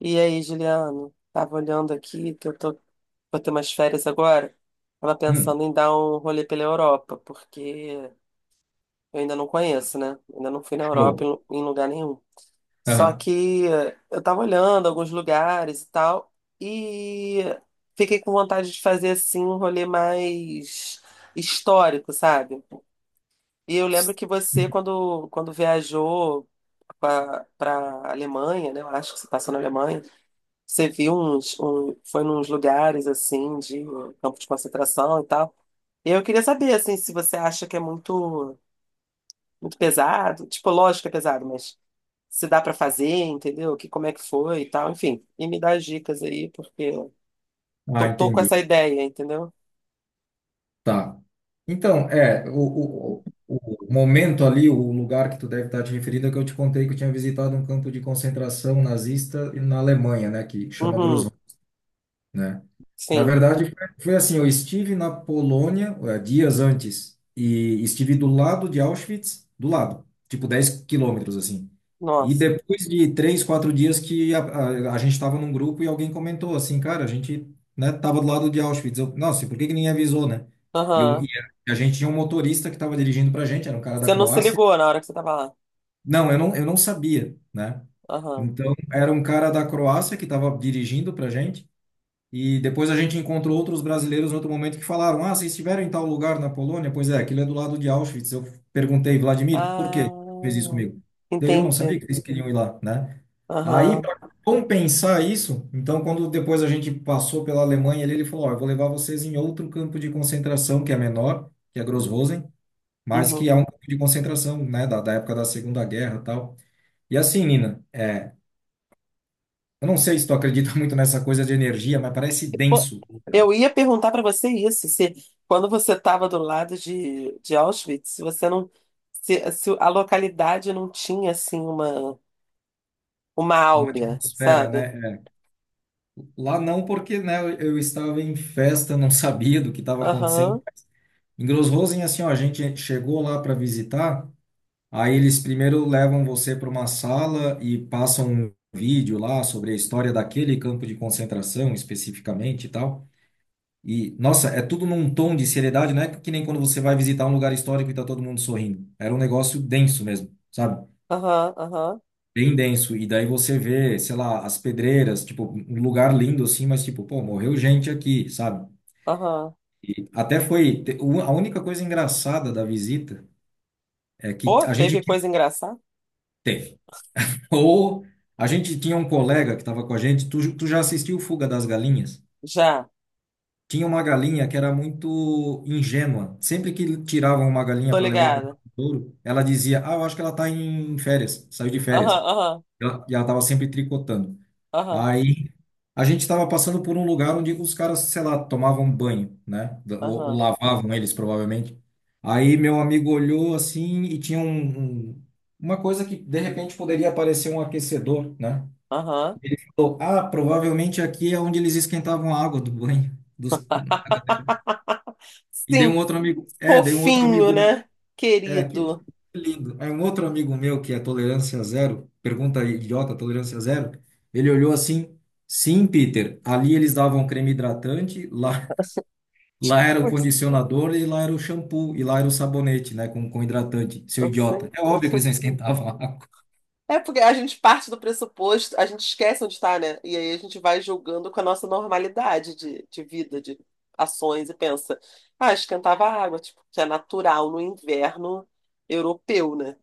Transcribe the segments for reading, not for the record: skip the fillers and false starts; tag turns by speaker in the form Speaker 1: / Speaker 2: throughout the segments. Speaker 1: E aí, Juliano? Tava olhando aqui que eu tô, Vou ter umas férias agora. Tava
Speaker 2: Hum,
Speaker 1: pensando em dar um rolê pela Europa, porque eu ainda não conheço, né? Ainda não fui na Europa
Speaker 2: show.
Speaker 1: em lugar nenhum. Só
Speaker 2: Aham.
Speaker 1: que eu tava olhando alguns lugares e tal, e fiquei com vontade de fazer assim um rolê mais histórico, sabe? E eu lembro que você, quando viajou para a Alemanha, né? Eu acho que você passou na Alemanha. Você viu foi nos lugares assim de campo de concentração e tal. E eu queria saber assim se você acha que é muito pesado, tipo, lógico que é pesado, mas se dá pra fazer, entendeu? Que como é que foi e tal, enfim. E me dá as dicas aí, porque
Speaker 2: Ah,
Speaker 1: tô com
Speaker 2: entendi.
Speaker 1: essa ideia, entendeu?
Speaker 2: Tá. Então, o momento ali, o lugar que tu deve estar te referindo é que eu te contei que eu tinha visitado um campo de concentração nazista na Alemanha, né, que chama
Speaker 1: Uhum,
Speaker 2: né? Na
Speaker 1: sim.
Speaker 2: verdade, foi assim, eu estive na Polônia, dias antes e estive do lado de Auschwitz, do lado, tipo 10 quilômetros assim. E
Speaker 1: Nossa.
Speaker 2: depois de três, quatro dias que a gente estava num grupo e alguém comentou assim, cara, a gente, né, tava do lado de Auschwitz. Eu, nossa, e por que que ninguém avisou, né? E, eu, e
Speaker 1: Aham.
Speaker 2: A gente tinha um motorista que estava dirigindo pra gente, era um cara da
Speaker 1: Você não se
Speaker 2: Croácia.
Speaker 1: ligou na hora que você tava lá.
Speaker 2: Não, eu não, eu não sabia, né?
Speaker 1: Aham.
Speaker 2: Então, era um cara da Croácia que estava dirigindo pra gente. E depois a gente encontrou outros brasileiros em outro momento que falaram: Ah, vocês estiveram em tal lugar na Polônia? Pois é, aquilo é do lado de Auschwitz. Eu perguntei, Vladimir, por
Speaker 1: Ah,
Speaker 2: que fez isso comigo? Ele, eu não sabia
Speaker 1: entendi.
Speaker 2: que eles queriam ir lá, né? Aí,
Speaker 1: Aham.
Speaker 2: para compensar isso, então, quando depois a gente passou pela Alemanha, ele falou: Ó, eu vou levar vocês em outro campo de concentração que é menor, que é Gross-Rosen, mas que
Speaker 1: Uhum.
Speaker 2: é um campo de concentração, né, da época da Segunda Guerra e tal. E assim, Nina, é, eu não sei se tu acredita muito nessa coisa de energia, mas parece
Speaker 1: Pô,
Speaker 2: denso né?
Speaker 1: eu ia perguntar para você isso, se quando você estava do lado de Auschwitz, se você não, se a localidade não tinha assim uma
Speaker 2: Uma
Speaker 1: áurea,
Speaker 2: atmosfera,
Speaker 1: sabe?
Speaker 2: né? É. Lá não, porque né, eu estava em festa, não sabia do que estava acontecendo.
Speaker 1: Aham,
Speaker 2: Em Grossrosen, assim, ó, a gente chegou lá para visitar, aí eles primeiro levam você para uma sala e passam um vídeo lá sobre a história daquele campo de concentração especificamente e tal. E, nossa, é tudo num tom de seriedade, não é que nem quando você vai visitar um lugar histórico e tá todo mundo sorrindo. Era um negócio denso mesmo, sabe?
Speaker 1: aham, aham,
Speaker 2: Bem denso. E daí você vê, sei lá, as pedreiras, tipo, um lugar lindo assim, mas tipo, pô, morreu gente aqui, sabe?
Speaker 1: aham.
Speaker 2: Até foi. A única coisa engraçada da visita é que
Speaker 1: Pô, teve coisa engraçada?
Speaker 2: teve. Ou a gente tinha um colega que estava com a gente, tu já assistiu Fuga das Galinhas?
Speaker 1: Já,
Speaker 2: Tinha uma galinha que era muito ingênua. Sempre que tiravam uma galinha
Speaker 1: tô
Speaker 2: para levar para
Speaker 1: ligada.
Speaker 2: o touro, ela dizia: Ah, eu acho que ela está em férias, saiu de
Speaker 1: Aham,
Speaker 2: férias.
Speaker 1: aham,
Speaker 2: E ela estava sempre tricotando.
Speaker 1: aham,
Speaker 2: Aí a gente estava passando por um lugar onde os caras, sei lá, tomavam banho, né? Ou
Speaker 1: aham,
Speaker 2: lavavam eles, provavelmente. Aí meu amigo olhou assim e tinha uma coisa que de repente poderia parecer um aquecedor, né?
Speaker 1: aham.
Speaker 2: Falou, Ah, provavelmente aqui é onde eles esquentavam a água do banho. Dos... da galera. E dei um
Speaker 1: Sim,
Speaker 2: outro amigo,
Speaker 1: fofinho, né?
Speaker 2: é, que
Speaker 1: Querido.
Speaker 2: lindo. Aí um outro amigo meu que é tolerância zero, pergunta idiota, tolerância zero, ele olhou assim, sim, Peter, ali eles davam creme hidratante, lá, lá era o
Speaker 1: Pois,
Speaker 2: condicionador e lá era o shampoo, e lá era o sabonete, né, com hidratante, seu
Speaker 1: não
Speaker 2: idiota.
Speaker 1: sei.
Speaker 2: É óbvio que eles não esquentavam a água.
Speaker 1: É porque a gente parte do pressuposto, a gente esquece onde está, né? E aí a gente vai julgando com a nossa normalidade de vida, de ações, e pensa, ah, esquentava a água, tipo, que é natural no inverno europeu, né?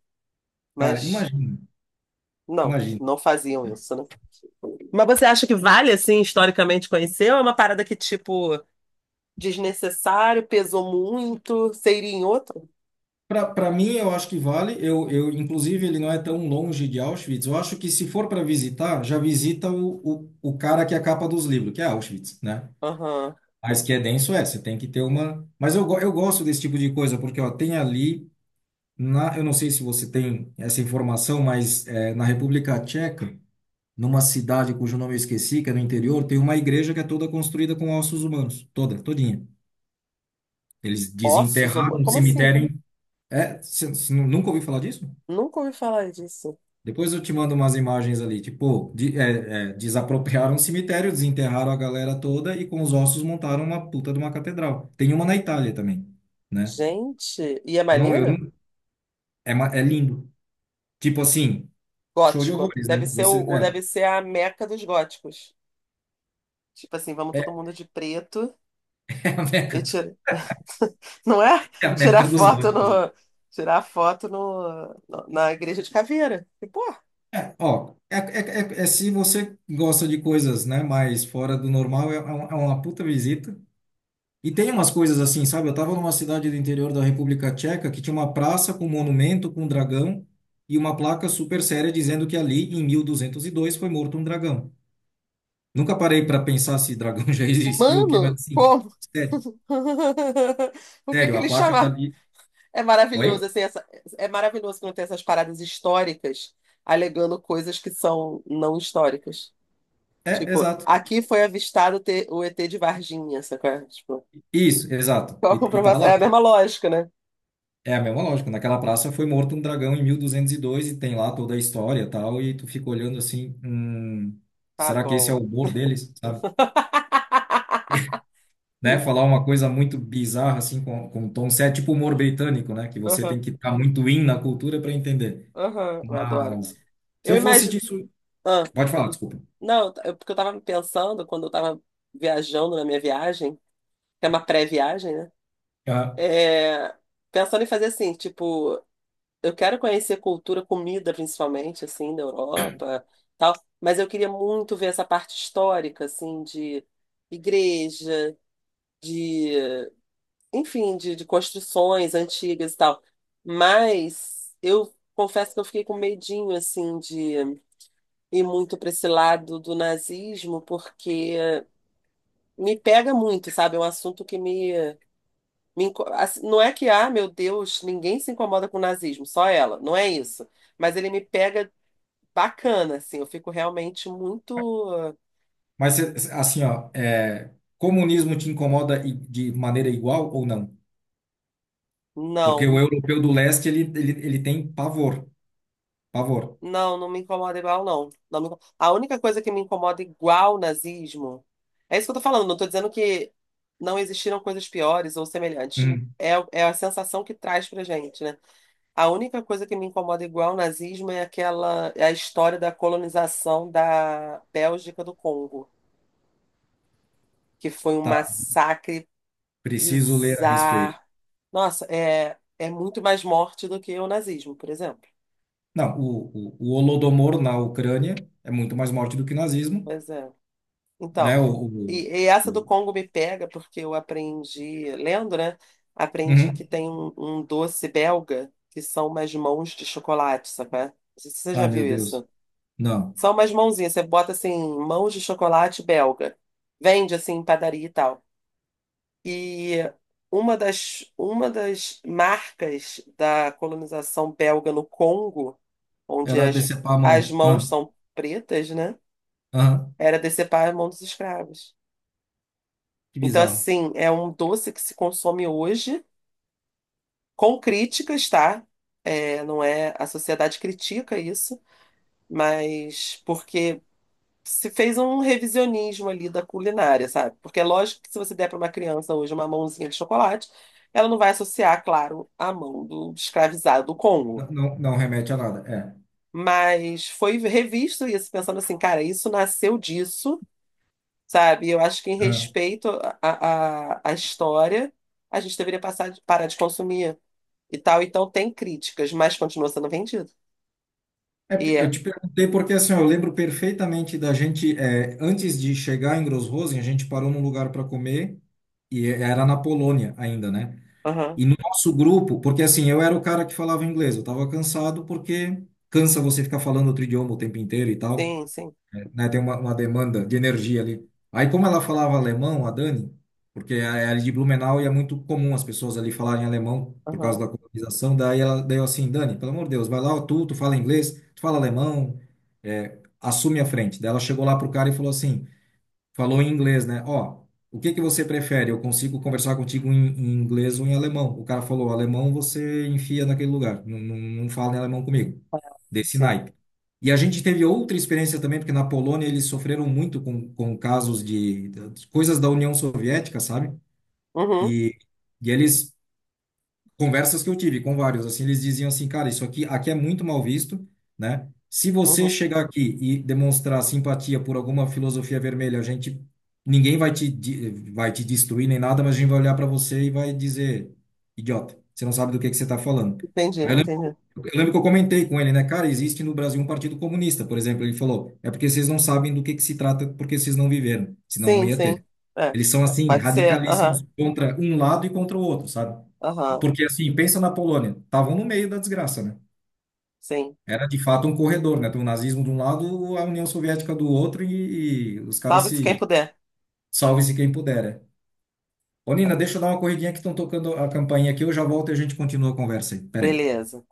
Speaker 2: Cara,
Speaker 1: Mas
Speaker 2: imagina,
Speaker 1: não,
Speaker 2: imagina.
Speaker 1: não faziam isso, né? Mas você acha que vale, assim, historicamente conhecer, ou é uma parada que, tipo, desnecessário, pesou muito, seria em outro?
Speaker 2: Pra mim, eu acho que vale. Inclusive, ele não é tão longe de Auschwitz. Eu acho que se for para visitar, já visita o cara que é a capa dos livros, que é Auschwitz, né?
Speaker 1: Aham.
Speaker 2: Mas que é denso, é, você tem que ter uma. Mas eu, eu gosto desse tipo de coisa, porque ó, tem ali, eu não sei se você tem essa informação, mas é, na República Tcheca, numa cidade cujo nome eu esqueci, que é no interior, tem uma igreja que é toda construída com ossos humanos, toda, todinha. Eles
Speaker 1: Ossos?
Speaker 2: desenterraram um
Speaker 1: Como assim?
Speaker 2: cemitério. É, você nunca ouviu falar disso?
Speaker 1: Nunca ouvi falar disso.
Speaker 2: Depois eu te mando umas imagens ali, tipo, desapropriaram um cemitério, desenterraram a galera toda e com os ossos montaram uma puta de uma catedral. Tem uma na Itália também. Né?
Speaker 1: Gente, e é
Speaker 2: Eu
Speaker 1: maneiro?
Speaker 2: não, é, ma- é lindo. Tipo assim, show de
Speaker 1: Gótico.
Speaker 2: horrores, né? Você, é,
Speaker 1: Deve ser a meca dos góticos. Tipo assim, vamos
Speaker 2: é,
Speaker 1: todo mundo de preto
Speaker 2: é a
Speaker 1: e
Speaker 2: Meca,
Speaker 1: tira, não é?
Speaker 2: é a
Speaker 1: Tirar
Speaker 2: Meca dos
Speaker 1: foto
Speaker 2: góticos.
Speaker 1: no Tirar foto na igreja de caveira. E, pô,
Speaker 2: É, ó, é, é, é, é se você gosta de coisas, né, mais fora do normal, é, é uma puta visita. E tem umas coisas assim, sabe? Eu tava numa cidade do interior da República Tcheca que tinha uma praça com um monumento com um dragão e uma placa super séria dizendo que ali, em 1202, foi morto um dragão. Nunca parei para pensar se dragão já existiu ou o quê, mas
Speaker 1: mano,
Speaker 2: assim,
Speaker 1: como?
Speaker 2: sério,
Speaker 1: O que que
Speaker 2: sério, a
Speaker 1: ele
Speaker 2: placa tá
Speaker 1: chama?
Speaker 2: ali.
Speaker 1: É maravilhoso,
Speaker 2: Oi?
Speaker 1: assim, essa, É maravilhoso quando tem essas paradas históricas alegando coisas que são não históricas.
Speaker 2: É,
Speaker 1: Tipo,
Speaker 2: exato.
Speaker 1: aqui foi o ET de Varginha, sacou? Tipo,
Speaker 2: Isso, exato.
Speaker 1: qual a
Speaker 2: E tá
Speaker 1: comprovação?
Speaker 2: lá.
Speaker 1: É a mesma lógica, né?
Speaker 2: É a mesma lógica. Naquela praça foi morto um dragão em 1202 e dois e tem lá toda a história e tal. E tu fica olhando assim,
Speaker 1: Tá
Speaker 2: será que esse é o
Speaker 1: bom.
Speaker 2: humor deles, sabe? Né?
Speaker 1: Sim.
Speaker 2: Falar uma coisa muito bizarra assim com um tom sério, é tipo humor britânico, né? Que você
Speaker 1: Aham,
Speaker 2: tem que estar muito in na cultura para entender.
Speaker 1: aham, eu adoro.
Speaker 2: Mas se
Speaker 1: Eu
Speaker 2: eu fosse
Speaker 1: imagino.
Speaker 2: disso,
Speaker 1: Ah,
Speaker 2: pode falar, desculpa.
Speaker 1: não, porque eu tava pensando quando eu tava viajando na minha viagem, que é uma pré-viagem, né?
Speaker 2: Ah,
Speaker 1: É, pensando em fazer assim, tipo. Eu quero conhecer cultura, comida principalmente, assim, da Europa, tal, mas eu queria muito ver essa parte histórica, assim, de igreja, de, enfim, de construções antigas e tal. Mas eu confesso que eu fiquei com medinho, assim, de ir muito para esse lado do nazismo, porque me pega muito, sabe? É um assunto que assim, não é que, ah, meu Deus, ninguém se incomoda com o nazismo, só ela. Não é isso, mas ele me pega bacana, assim. Eu fico realmente muito.
Speaker 2: assim, ó, é, comunismo te incomoda de maneira igual ou não? Porque
Speaker 1: Não,
Speaker 2: o europeu do leste, ele tem pavor, pavor.
Speaker 1: não me incomoda igual, não. A única coisa que me incomoda igual nazismo. É isso que eu tô falando, não tô dizendo que não existiram coisas piores ou semelhantes.
Speaker 2: Hum,
Speaker 1: É, é a sensação que traz pra gente, né? A única coisa que me incomoda igual nazismo é aquela, é a história da colonização da Bélgica do Congo, que foi um
Speaker 2: tá,
Speaker 1: massacre
Speaker 2: preciso ler a
Speaker 1: bizarro.
Speaker 2: respeito.
Speaker 1: Nossa, é, é muito mais morte do que o nazismo, por exemplo.
Speaker 2: Não, o Holodomor na Ucrânia é muito mais morte do que nazismo,
Speaker 1: Pois é. Então,
Speaker 2: né?
Speaker 1: e, e essa do
Speaker 2: O-
Speaker 1: Congo me pega porque eu aprendi, lendo, né? Aprendi que
Speaker 2: Uhum.
Speaker 1: tem um doce belga que são umas mãos de chocolate, sabe? Não sei se você já
Speaker 2: Ai, meu
Speaker 1: viu
Speaker 2: Deus.
Speaker 1: isso.
Speaker 2: Não,
Speaker 1: São umas mãozinhas, você bota assim, mãos de chocolate belga. Vende assim em padaria e tal. E uma das marcas da colonização belga no Congo, onde
Speaker 2: era
Speaker 1: as,
Speaker 2: decepar a
Speaker 1: as
Speaker 2: mão.
Speaker 1: mãos
Speaker 2: Ah,
Speaker 1: são pretas, né?
Speaker 2: ah,
Speaker 1: Era decepar a mão dos escravos.
Speaker 2: que
Speaker 1: Então,
Speaker 2: bizarro.
Speaker 1: assim, é um doce que se consome hoje, com críticas, tá? É, não é, a sociedade critica isso, mas porque se fez um revisionismo ali da culinária, sabe? Porque é lógico que se você der para uma criança hoje uma mãozinha de chocolate, ela não vai associar, claro, a mão do escravizado do Congo.
Speaker 2: Não, não, não remete a nada, é.
Speaker 1: Mas foi revisto isso, pensando assim, cara, isso nasceu disso, sabe? Eu acho que em
Speaker 2: Ah.
Speaker 1: respeito à história, a gente deveria parar de consumir e tal. Então tem críticas, mas continua sendo vendido.
Speaker 2: É,
Speaker 1: E
Speaker 2: eu
Speaker 1: é.
Speaker 2: te perguntei porque, assim, ó, eu lembro perfeitamente da gente, é, antes de chegar em Grossrosen, a gente parou num lugar para comer, e era na Polônia ainda, né?
Speaker 1: Aham.
Speaker 2: E no nosso grupo, porque assim, eu era o cara que falava inglês, eu tava cansado porque cansa você ficar falando outro idioma o tempo inteiro e tal,
Speaker 1: Sim, sim.
Speaker 2: né? Tem uma demanda de energia ali. Aí, como ela falava alemão, a Dani, porque era de Blumenau e é muito comum as pessoas ali falarem alemão por causa
Speaker 1: Aham.
Speaker 2: da colonização, daí ela deu assim, Dani, pelo amor de Deus, vai lá, tu fala inglês, tu fala alemão, é, assume a frente. Daí ela chegou lá pro cara e falou assim, Falou em inglês, né? Ó, o que que você prefere? Eu consigo conversar contigo em inglês ou em alemão? O cara falou, alemão você enfia naquele lugar. Não, não, não fala em alemão comigo.
Speaker 1: Ah,
Speaker 2: Desse
Speaker 1: sim.
Speaker 2: naipe. E a gente teve outra experiência também, porque na Polônia eles sofreram muito com casos de coisas da União Soviética, sabe?
Speaker 1: Uhum,
Speaker 2: E, e eles conversas que eu tive com vários, assim, eles diziam assim, cara, isso aqui, aqui é muito mal visto, né? Se você
Speaker 1: uhum.
Speaker 2: chegar aqui e demonstrar simpatia por alguma filosofia vermelha, a gente, ninguém vai te, vai te destruir nem nada, mas a gente vai olhar para você e vai dizer, idiota, você não sabe do que você está falando.
Speaker 1: Entendi,
Speaker 2: Aí
Speaker 1: entendi.
Speaker 2: eu lembro que eu comentei com ele, né? Cara, existe no Brasil um partido comunista, por exemplo. Ele falou, é porque vocês não sabem do que se trata, porque vocês não viveram, senão não
Speaker 1: Sim,
Speaker 2: ia
Speaker 1: sim.
Speaker 2: ter.
Speaker 1: É.
Speaker 2: Eles são, assim,
Speaker 1: Pode ser. Aham.
Speaker 2: radicalíssimos contra um lado e contra o outro, sabe?
Speaker 1: Aham.
Speaker 2: Porque assim, pensa na Polônia, estavam no meio da desgraça, né?
Speaker 1: Sim.
Speaker 2: Era de fato um corredor, né? Tem o nazismo de um lado, a União Soviética do outro e os caras
Speaker 1: Salve-se quem
Speaker 2: se
Speaker 1: puder.
Speaker 2: salve-se quem puder. Né? Ô, Nina, deixa eu dar uma corridinha que estão tocando a campainha aqui, eu já volto e a gente continua a conversa aí. Pera aí.
Speaker 1: Beleza.